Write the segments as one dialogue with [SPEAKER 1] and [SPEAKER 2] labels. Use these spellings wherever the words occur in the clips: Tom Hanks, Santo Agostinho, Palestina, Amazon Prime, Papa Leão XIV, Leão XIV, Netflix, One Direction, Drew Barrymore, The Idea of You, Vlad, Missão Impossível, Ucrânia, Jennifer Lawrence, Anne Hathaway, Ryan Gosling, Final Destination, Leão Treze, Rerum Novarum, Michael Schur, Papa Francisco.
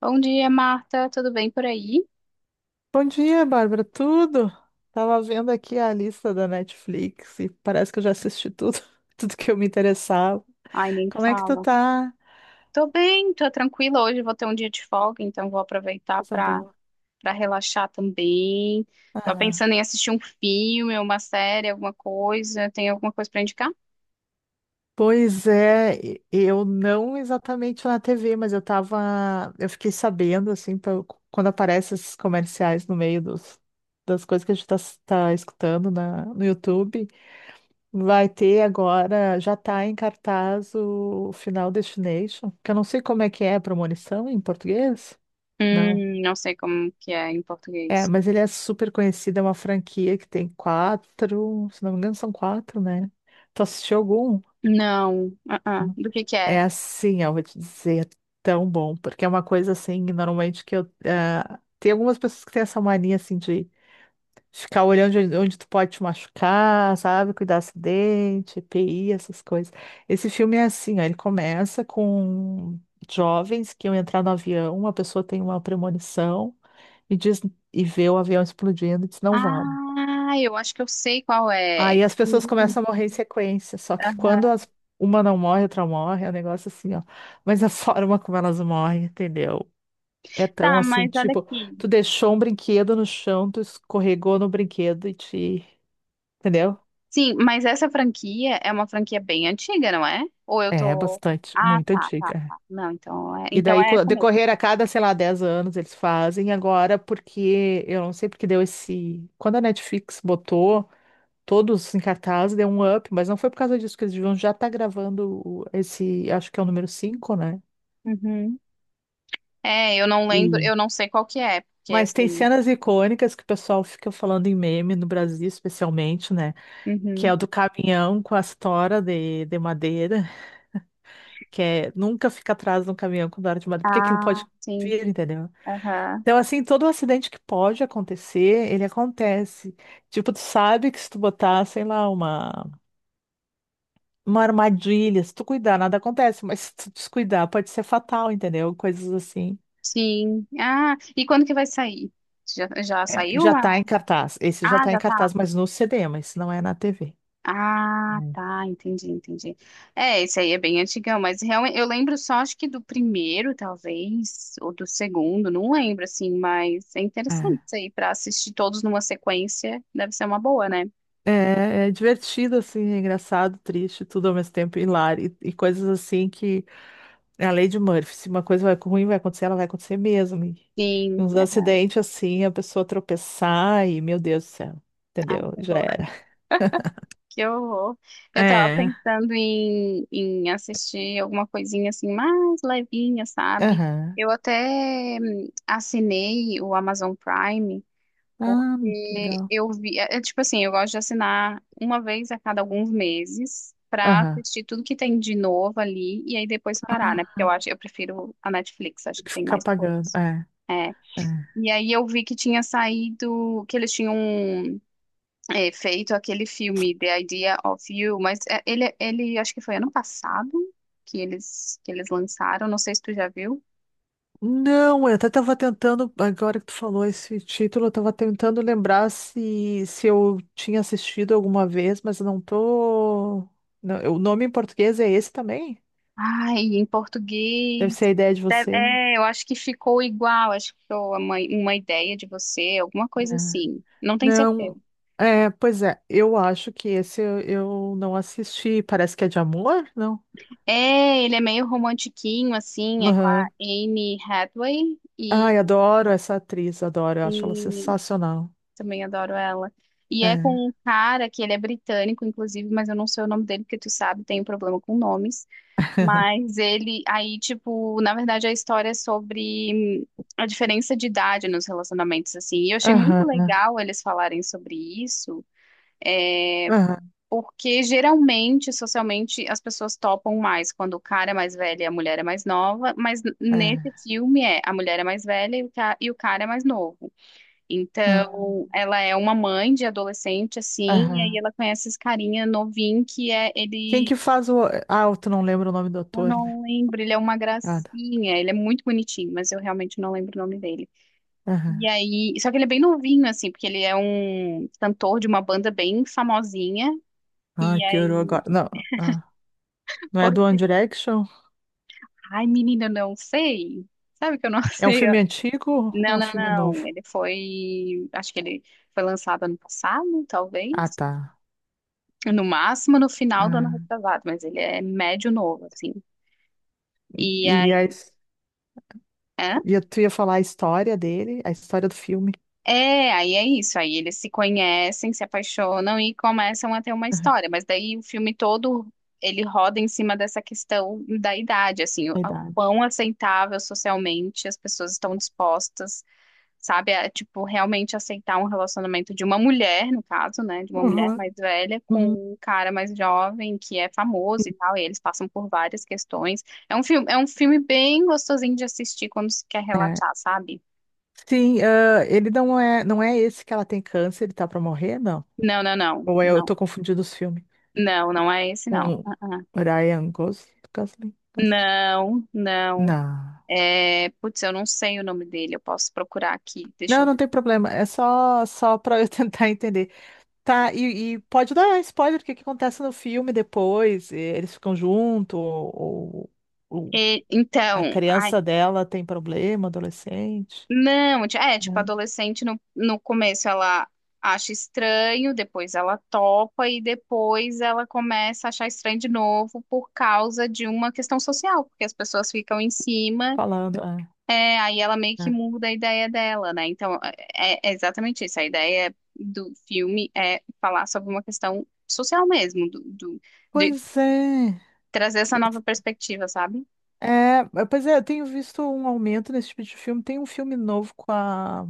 [SPEAKER 1] Bom dia, Marta. Tudo bem por aí?
[SPEAKER 2] Bom dia, Bárbara. Tudo? Tava vendo aqui a lista da Netflix e parece que eu já assisti tudo, tudo que eu me interessava.
[SPEAKER 1] Ai, nem
[SPEAKER 2] Como é que tu
[SPEAKER 1] fala.
[SPEAKER 2] tá?
[SPEAKER 1] Tô bem, tô tranquila. Hoje vou ter um dia de folga, então vou aproveitar
[SPEAKER 2] Coisa
[SPEAKER 1] para
[SPEAKER 2] boa.
[SPEAKER 1] para relaxar também. Tô
[SPEAKER 2] Aham.
[SPEAKER 1] pensando em assistir um filme, uma série, alguma coisa. Tem alguma coisa para indicar?
[SPEAKER 2] Pois é, eu não exatamente na TV, mas eu tava, eu fiquei sabendo assim, quando aparecem esses comerciais no meio dos, das coisas que a gente tá escutando no YouTube. Vai ter agora, já está em cartaz o Final Destination, que eu não sei como é que é a premonição em português. Não.
[SPEAKER 1] Não sei como que é em
[SPEAKER 2] É,
[SPEAKER 1] português.
[SPEAKER 2] mas ele é super conhecido, é uma franquia que tem quatro, se não me engano, são quatro, né? Tu assistiu algum?
[SPEAKER 1] Não. Ah, ah. Do que é?
[SPEAKER 2] É assim, eu vou te dizer, é tão bom, porque é uma coisa assim, normalmente tem algumas pessoas que têm essa mania assim de ficar olhando onde tu pode te machucar, sabe? Cuidar acidente, EPI, essas coisas. Esse filme é assim, ó, ele começa com jovens que iam entrar no avião, uma pessoa tem uma premonição e diz e vê o avião explodindo e diz não vamos.
[SPEAKER 1] Ah, eu acho que eu sei qual é.
[SPEAKER 2] Aí as pessoas
[SPEAKER 1] Hum.
[SPEAKER 2] começam a morrer em sequência, só que quando
[SPEAKER 1] Aham.
[SPEAKER 2] uma não morre, outra morre, é um negócio assim, ó. Mas a forma como elas morrem, entendeu? É tão
[SPEAKER 1] Tá,
[SPEAKER 2] assim,
[SPEAKER 1] mas olha
[SPEAKER 2] tipo,
[SPEAKER 1] aqui.
[SPEAKER 2] tu deixou um brinquedo no chão, tu escorregou no brinquedo e te, entendeu?
[SPEAKER 1] Sim, mas essa franquia é uma franquia bem antiga, não é? Ou eu
[SPEAKER 2] É,
[SPEAKER 1] tô.
[SPEAKER 2] bastante,
[SPEAKER 1] Ah,
[SPEAKER 2] muito
[SPEAKER 1] tá, tá,
[SPEAKER 2] antiga. É.
[SPEAKER 1] tá. Não,
[SPEAKER 2] E
[SPEAKER 1] então
[SPEAKER 2] daí,
[SPEAKER 1] é essa mesmo.
[SPEAKER 2] decorrer a cada, sei lá, 10 anos, eles fazem agora, porque eu não sei porque deu esse. Quando a Netflix botou todos em cartaz, deu um up, mas não foi por causa disso que eles deviam já estar gravando esse, acho que é o número 5, né?
[SPEAKER 1] Uhum. É, eu não lembro,
[SPEAKER 2] Hum.
[SPEAKER 1] eu não sei qual que é, porque
[SPEAKER 2] Mas tem
[SPEAKER 1] assim.
[SPEAKER 2] cenas icônicas que o pessoal fica falando em meme no Brasil, especialmente, né? Que é
[SPEAKER 1] Uhum.
[SPEAKER 2] o do caminhão com as toras de madeira, que é nunca fica atrás de um caminhão com vara de madeira, porque aquilo
[SPEAKER 1] Ah,
[SPEAKER 2] pode
[SPEAKER 1] sim.
[SPEAKER 2] vir, entendeu?
[SPEAKER 1] Aham.
[SPEAKER 2] Então, assim, todo acidente que pode acontecer, ele acontece. Tipo, tu sabe que se tu botar, sei lá, uma armadilha, se tu cuidar, nada acontece, mas se tu descuidar, pode ser fatal, entendeu? Coisas assim.
[SPEAKER 1] Sim. Ah, e quando que vai sair? Já, já
[SPEAKER 2] É,
[SPEAKER 1] saiu
[SPEAKER 2] já
[SPEAKER 1] lá?
[SPEAKER 2] tá em cartaz. Esse já
[SPEAKER 1] Ah,
[SPEAKER 2] tá em
[SPEAKER 1] já tá.
[SPEAKER 2] cartaz, mas no CD, mas não é na TV.
[SPEAKER 1] Ah,
[SPEAKER 2] Hum.
[SPEAKER 1] tá, entendi, entendi. É, esse aí é bem antigão, mas realmente eu lembro só acho que do primeiro, talvez, ou do segundo, não lembro assim, mas é
[SPEAKER 2] É,
[SPEAKER 1] interessante isso aí para assistir todos numa sequência, deve ser uma boa, né?
[SPEAKER 2] é divertido, assim, é engraçado, triste, tudo ao mesmo tempo, hilário, e coisas assim que é a lei de Murphy. Se uma coisa vai ruim vai acontecer, ela vai acontecer mesmo. E
[SPEAKER 1] Sim.
[SPEAKER 2] uns acidentes assim, a pessoa tropeçar e, meu Deus do céu,
[SPEAKER 1] Aham. Ai,
[SPEAKER 2] entendeu?
[SPEAKER 1] que
[SPEAKER 2] Já
[SPEAKER 1] horror,
[SPEAKER 2] era.
[SPEAKER 1] que horror. Eu tava
[SPEAKER 2] É.
[SPEAKER 1] pensando em, em assistir alguma coisinha assim mais levinha, sabe?
[SPEAKER 2] Aham.
[SPEAKER 1] Eu até assinei o Amazon Prime.
[SPEAKER 2] Ah, que
[SPEAKER 1] Porque
[SPEAKER 2] legal.
[SPEAKER 1] eu vi, é, é tipo assim, eu gosto de assinar uma vez a cada alguns meses pra
[SPEAKER 2] Aham.
[SPEAKER 1] assistir tudo que tem de novo ali e aí depois parar, né? Porque
[SPEAKER 2] Ah,
[SPEAKER 1] eu acho, eu prefiro a Netflix, acho
[SPEAKER 2] tem
[SPEAKER 1] que
[SPEAKER 2] que
[SPEAKER 1] tem
[SPEAKER 2] ficar
[SPEAKER 1] mais
[SPEAKER 2] pagando.
[SPEAKER 1] coisas.
[SPEAKER 2] É,
[SPEAKER 1] É.
[SPEAKER 2] é.
[SPEAKER 1] E aí eu vi que tinha saído, que eles tinham, é, feito aquele filme The Idea of You, mas é, ele acho que foi ano passado que eles lançaram, não sei se tu já viu.
[SPEAKER 2] Não, eu até tava tentando, agora que tu falou esse título, eu tava tentando lembrar se eu tinha assistido alguma vez, mas eu não tô. Não, o nome em português é esse também?
[SPEAKER 1] Ai, em
[SPEAKER 2] Deve
[SPEAKER 1] português.
[SPEAKER 2] ser a ideia de
[SPEAKER 1] Deve-
[SPEAKER 2] você.
[SPEAKER 1] É, eu acho que ficou igual, acho que ficou uma ideia de você, alguma
[SPEAKER 2] É.
[SPEAKER 1] coisa assim. Não tenho certeza.
[SPEAKER 2] Não, é, pois é, eu acho que esse eu não assisti, parece que é de amor, não?
[SPEAKER 1] É, ele é meio romantiquinho, assim, é com a
[SPEAKER 2] Aham.
[SPEAKER 1] Anne Hathaway
[SPEAKER 2] Ai, adoro essa atriz, adoro, eu acho ela
[SPEAKER 1] e
[SPEAKER 2] sensacional.
[SPEAKER 1] também adoro ela. E é
[SPEAKER 2] É.
[SPEAKER 1] com um cara que ele é britânico, inclusive, mas eu não sei o nome dele, porque tu sabe, tem um problema com nomes. Mas ele, aí, tipo, na verdade a história é sobre a diferença de idade nos relacionamentos, assim. E eu achei muito
[SPEAKER 2] Aham,
[SPEAKER 1] legal eles falarem sobre isso.
[SPEAKER 2] aham,
[SPEAKER 1] Porque geralmente, socialmente, as pessoas topam mais quando o cara é mais velho e a mulher é mais nova, mas nesse
[SPEAKER 2] é.
[SPEAKER 1] filme é a mulher é mais velha e o e o cara é mais novo.
[SPEAKER 2] ah,
[SPEAKER 1] Então, ela é uma mãe de adolescente, assim, e aí
[SPEAKER 2] Aham.
[SPEAKER 1] ela conhece esse carinha novinho que é
[SPEAKER 2] Quem
[SPEAKER 1] ele.
[SPEAKER 2] que faz o... Ah, tu não lembra o nome do
[SPEAKER 1] Eu
[SPEAKER 2] ator, né?
[SPEAKER 1] não lembro, ele é uma
[SPEAKER 2] Nada.
[SPEAKER 1] gracinha, ele é muito bonitinho, mas eu realmente não lembro o nome dele.
[SPEAKER 2] Aham.
[SPEAKER 1] E aí, só que ele é bem novinho, assim, porque ele é um cantor de uma banda bem famosinha.
[SPEAKER 2] Ai,
[SPEAKER 1] E
[SPEAKER 2] piorou
[SPEAKER 1] aí.
[SPEAKER 2] agora. Não, ah, não é do One Direction?
[SPEAKER 1] Ai, menina, eu não sei. Sabe que eu não
[SPEAKER 2] É um
[SPEAKER 1] sei?
[SPEAKER 2] filme antigo ou é
[SPEAKER 1] Não,
[SPEAKER 2] um
[SPEAKER 1] não,
[SPEAKER 2] filme
[SPEAKER 1] não.
[SPEAKER 2] novo?
[SPEAKER 1] Ele foi. Acho que ele foi lançado ano passado,
[SPEAKER 2] Ah,
[SPEAKER 1] talvez.
[SPEAKER 2] tá.
[SPEAKER 1] No máximo no final do ano
[SPEAKER 2] Ah.
[SPEAKER 1] retrasado, mas ele é médio novo, assim. E
[SPEAKER 2] E, a...
[SPEAKER 1] aí.
[SPEAKER 2] his-
[SPEAKER 1] Hã?
[SPEAKER 2] e tu ia falar a história dele, a história do filme?
[SPEAKER 1] É, aí é isso. Aí eles se conhecem, se apaixonam e começam a ter uma história. Mas daí o filme todo. Ele roda em cima dessa questão da idade, assim,
[SPEAKER 2] A
[SPEAKER 1] o
[SPEAKER 2] idade.
[SPEAKER 1] quão aceitável socialmente as pessoas estão dispostas, sabe? É, tipo, realmente aceitar um relacionamento de uma mulher, no caso, né? De uma mulher
[SPEAKER 2] Uhum.
[SPEAKER 1] mais velha com
[SPEAKER 2] Uhum.
[SPEAKER 1] um cara mais jovem que é famoso e tal, e eles passam por várias questões. É um filme bem gostosinho de assistir quando se quer
[SPEAKER 2] É.
[SPEAKER 1] relaxar, sabe?
[SPEAKER 2] Sim, ah, ele não é, esse que ela tem câncer, ele tá pra morrer, não?
[SPEAKER 1] Não, não, não,
[SPEAKER 2] Ou eu
[SPEAKER 1] não.
[SPEAKER 2] tô confundindo os filmes
[SPEAKER 1] Não, não é esse, não.
[SPEAKER 2] com
[SPEAKER 1] Ah, ah.
[SPEAKER 2] Ryan Gosling? Gosling?
[SPEAKER 1] Não, não.
[SPEAKER 2] Não.
[SPEAKER 1] É, putz, eu não sei o nome dele, eu posso procurar aqui, deixa
[SPEAKER 2] Não,
[SPEAKER 1] eu
[SPEAKER 2] não
[SPEAKER 1] ver.
[SPEAKER 2] tem problema. É só para eu tentar entender. Tá, e pode dar spoiler, o que que acontece no filme depois? E eles ficam juntos, ou
[SPEAKER 1] E-
[SPEAKER 2] a
[SPEAKER 1] então, ai.
[SPEAKER 2] criança dela tem problema, adolescente,
[SPEAKER 1] Não, ti- é, tipo,
[SPEAKER 2] né?
[SPEAKER 1] adolescente no, no começo ela acha estranho, depois ela topa e depois ela começa a achar estranho de novo por causa de uma questão social, porque as pessoas ficam em cima,
[SPEAKER 2] Falando.
[SPEAKER 1] é, aí ela meio
[SPEAKER 2] É,
[SPEAKER 1] que
[SPEAKER 2] é.
[SPEAKER 1] muda a ideia dela, né? Então, é, é é exatamente isso. A ideia do filme é falar sobre uma questão social mesmo, do, do- de
[SPEAKER 2] Pois é.
[SPEAKER 1] trazer essa nova perspectiva, sabe?
[SPEAKER 2] É, mas, pois é, eu tenho visto um aumento nesse tipo de filme. Tem um filme novo com a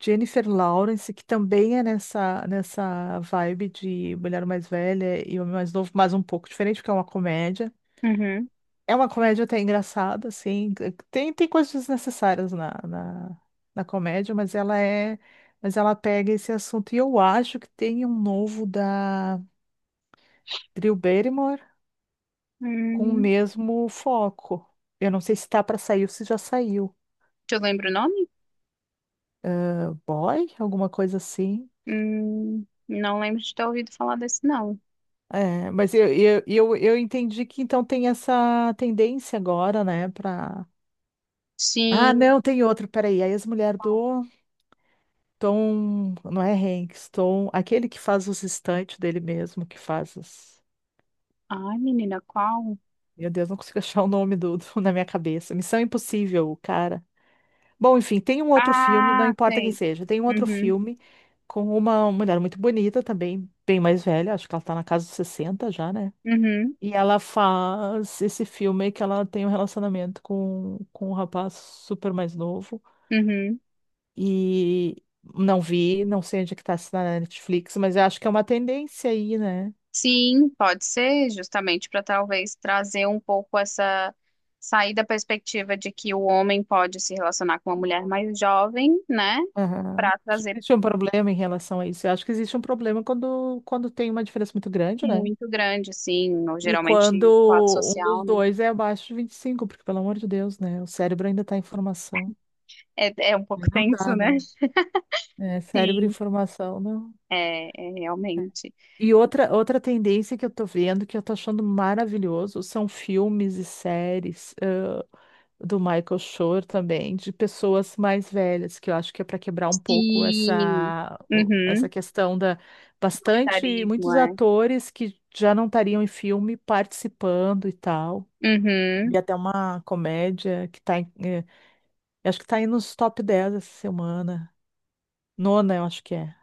[SPEAKER 2] Jennifer Lawrence, que também é nessa vibe de mulher mais velha e homem mais novo, mas um pouco diferente, porque é uma comédia.
[SPEAKER 1] Uhum.
[SPEAKER 2] É uma comédia até engraçada, assim. Tem coisas desnecessárias na comédia, mas ela é. Mas ela pega esse assunto. E eu acho que tem um novo da Drew Barrymore com o
[SPEAKER 1] Hum.
[SPEAKER 2] mesmo foco. Eu não sei se tá para sair ou se já saiu.
[SPEAKER 1] Tu lembra o nome?
[SPEAKER 2] Boy? Alguma coisa assim.
[SPEAKER 1] Não lembro de ter ouvido falar desse, não.
[SPEAKER 2] É, mas eu entendi que então tem essa tendência agora, né, pra... Ah,
[SPEAKER 1] Sim.
[SPEAKER 2] não, tem outro, peraí, a ex-mulher do Tom, não é Hanks, Tom, aquele que faz os estantes dele mesmo, que faz os...
[SPEAKER 1] Ai, menina, qual?
[SPEAKER 2] Meu Deus, não consigo achar o nome na minha cabeça. Missão Impossível, o cara. Bom, enfim, tem um outro filme, não
[SPEAKER 1] Ah,
[SPEAKER 2] importa quem
[SPEAKER 1] sei.
[SPEAKER 2] seja, tem um outro
[SPEAKER 1] Uhum,
[SPEAKER 2] filme com uma mulher muito bonita também, bem mais velha, acho que ela tá na casa dos 60 já, né?
[SPEAKER 1] uhum,
[SPEAKER 2] E ela faz esse filme que ela tem um relacionamento com um rapaz super mais novo.
[SPEAKER 1] uhum.
[SPEAKER 2] E não vi, não sei onde é que tá se tá na Netflix, mas eu acho que é uma tendência aí, né?
[SPEAKER 1] Sim, pode ser, justamente para talvez trazer um pouco essa sair da perspectiva de que o homem pode se relacionar com uma mulher mais jovem, né?
[SPEAKER 2] Aham.
[SPEAKER 1] Para
[SPEAKER 2] Que
[SPEAKER 1] trazer
[SPEAKER 2] existe um problema em relação a isso. Eu acho que existe um problema quando tem uma diferença muito grande, né?
[SPEAKER 1] muito grande, assim, ou
[SPEAKER 2] E quando
[SPEAKER 1] geralmente classe
[SPEAKER 2] um dos
[SPEAKER 1] social, né?
[SPEAKER 2] dois é abaixo de 25 porque, pelo amor de Deus, né? O cérebro ainda tá em formação.
[SPEAKER 1] É, é um
[SPEAKER 2] Aí
[SPEAKER 1] pouco
[SPEAKER 2] não
[SPEAKER 1] tenso,
[SPEAKER 2] dá,
[SPEAKER 1] né?
[SPEAKER 2] né? É, cérebro em
[SPEAKER 1] Sim,
[SPEAKER 2] formação, não.
[SPEAKER 1] é, é realmente.
[SPEAKER 2] E outra tendência que eu tô vendo, que eu tô achando maravilhoso, são filmes e séries, do Michael Schur também, de pessoas mais velhas, que eu acho que é para quebrar um pouco
[SPEAKER 1] Sim.
[SPEAKER 2] essa
[SPEAKER 1] Uhum.
[SPEAKER 2] questão da bastante,
[SPEAKER 1] Autoritarismo,
[SPEAKER 2] muitos
[SPEAKER 1] é.
[SPEAKER 2] atores que já não estariam em filme participando e tal. E
[SPEAKER 1] Uhum.
[SPEAKER 2] até uma comédia que tá eu acho que tá aí nos top 10 essa semana. Nona, eu acho que é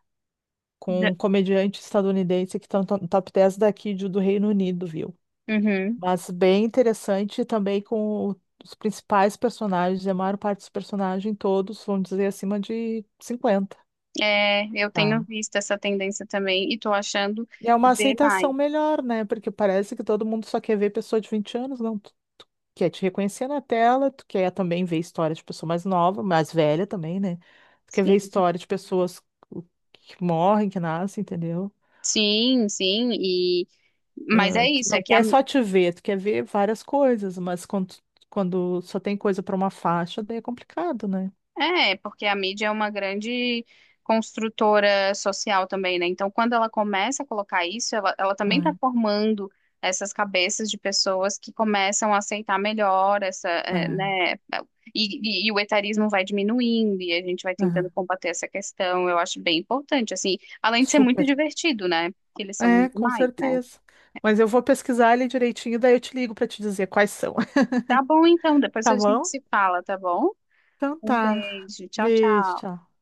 [SPEAKER 2] com
[SPEAKER 1] Da-
[SPEAKER 2] um comediante estadunidense que está no top 10 daqui do Reino Unido, viu?
[SPEAKER 1] Uhum.
[SPEAKER 2] Mas bem interessante também com os principais personagens, e a maior parte dos personagens, todos, vamos dizer, acima de 50.
[SPEAKER 1] É, eu tenho
[SPEAKER 2] Tá.
[SPEAKER 1] visto essa tendência também e tô achando
[SPEAKER 2] E é uma
[SPEAKER 1] demais.
[SPEAKER 2] aceitação melhor, né? Porque parece que todo mundo só quer ver pessoa de 20 anos, não. Tu quer te reconhecer na tela, tu quer também ver história de pessoa mais nova, mais velha também, né? Tu quer ver
[SPEAKER 1] Sim.
[SPEAKER 2] história de pessoas que morrem, que nascem, entendeu?
[SPEAKER 1] Sim, sim, e mas é
[SPEAKER 2] Ah, tu
[SPEAKER 1] isso, é
[SPEAKER 2] não
[SPEAKER 1] que a.
[SPEAKER 2] quer só te ver, tu quer ver várias coisas, mas quando só tem coisa para uma faixa, daí é complicado, né?
[SPEAKER 1] É, porque a mídia é uma grande construtora social também, né? Então, quando ela começa a colocar isso, ela também está
[SPEAKER 2] É,
[SPEAKER 1] formando essas cabeças de pessoas que começam a aceitar melhor essa,
[SPEAKER 2] é,
[SPEAKER 1] né? E, e o etarismo vai diminuindo e a gente vai tentando
[SPEAKER 2] é.
[SPEAKER 1] combater essa questão. Eu acho bem importante, assim, além de ser muito
[SPEAKER 2] Super.
[SPEAKER 1] divertido, né? Porque eles são
[SPEAKER 2] É, com
[SPEAKER 1] demais, né?
[SPEAKER 2] certeza. Mas eu vou pesquisar ele direitinho, daí eu te ligo para te dizer quais são.
[SPEAKER 1] Tá bom, então, depois
[SPEAKER 2] Tá
[SPEAKER 1] a gente
[SPEAKER 2] bom?
[SPEAKER 1] se fala, tá bom?
[SPEAKER 2] Então
[SPEAKER 1] Um
[SPEAKER 2] tá.
[SPEAKER 1] beijo, tchau, tchau.
[SPEAKER 2] Beijo, tchau.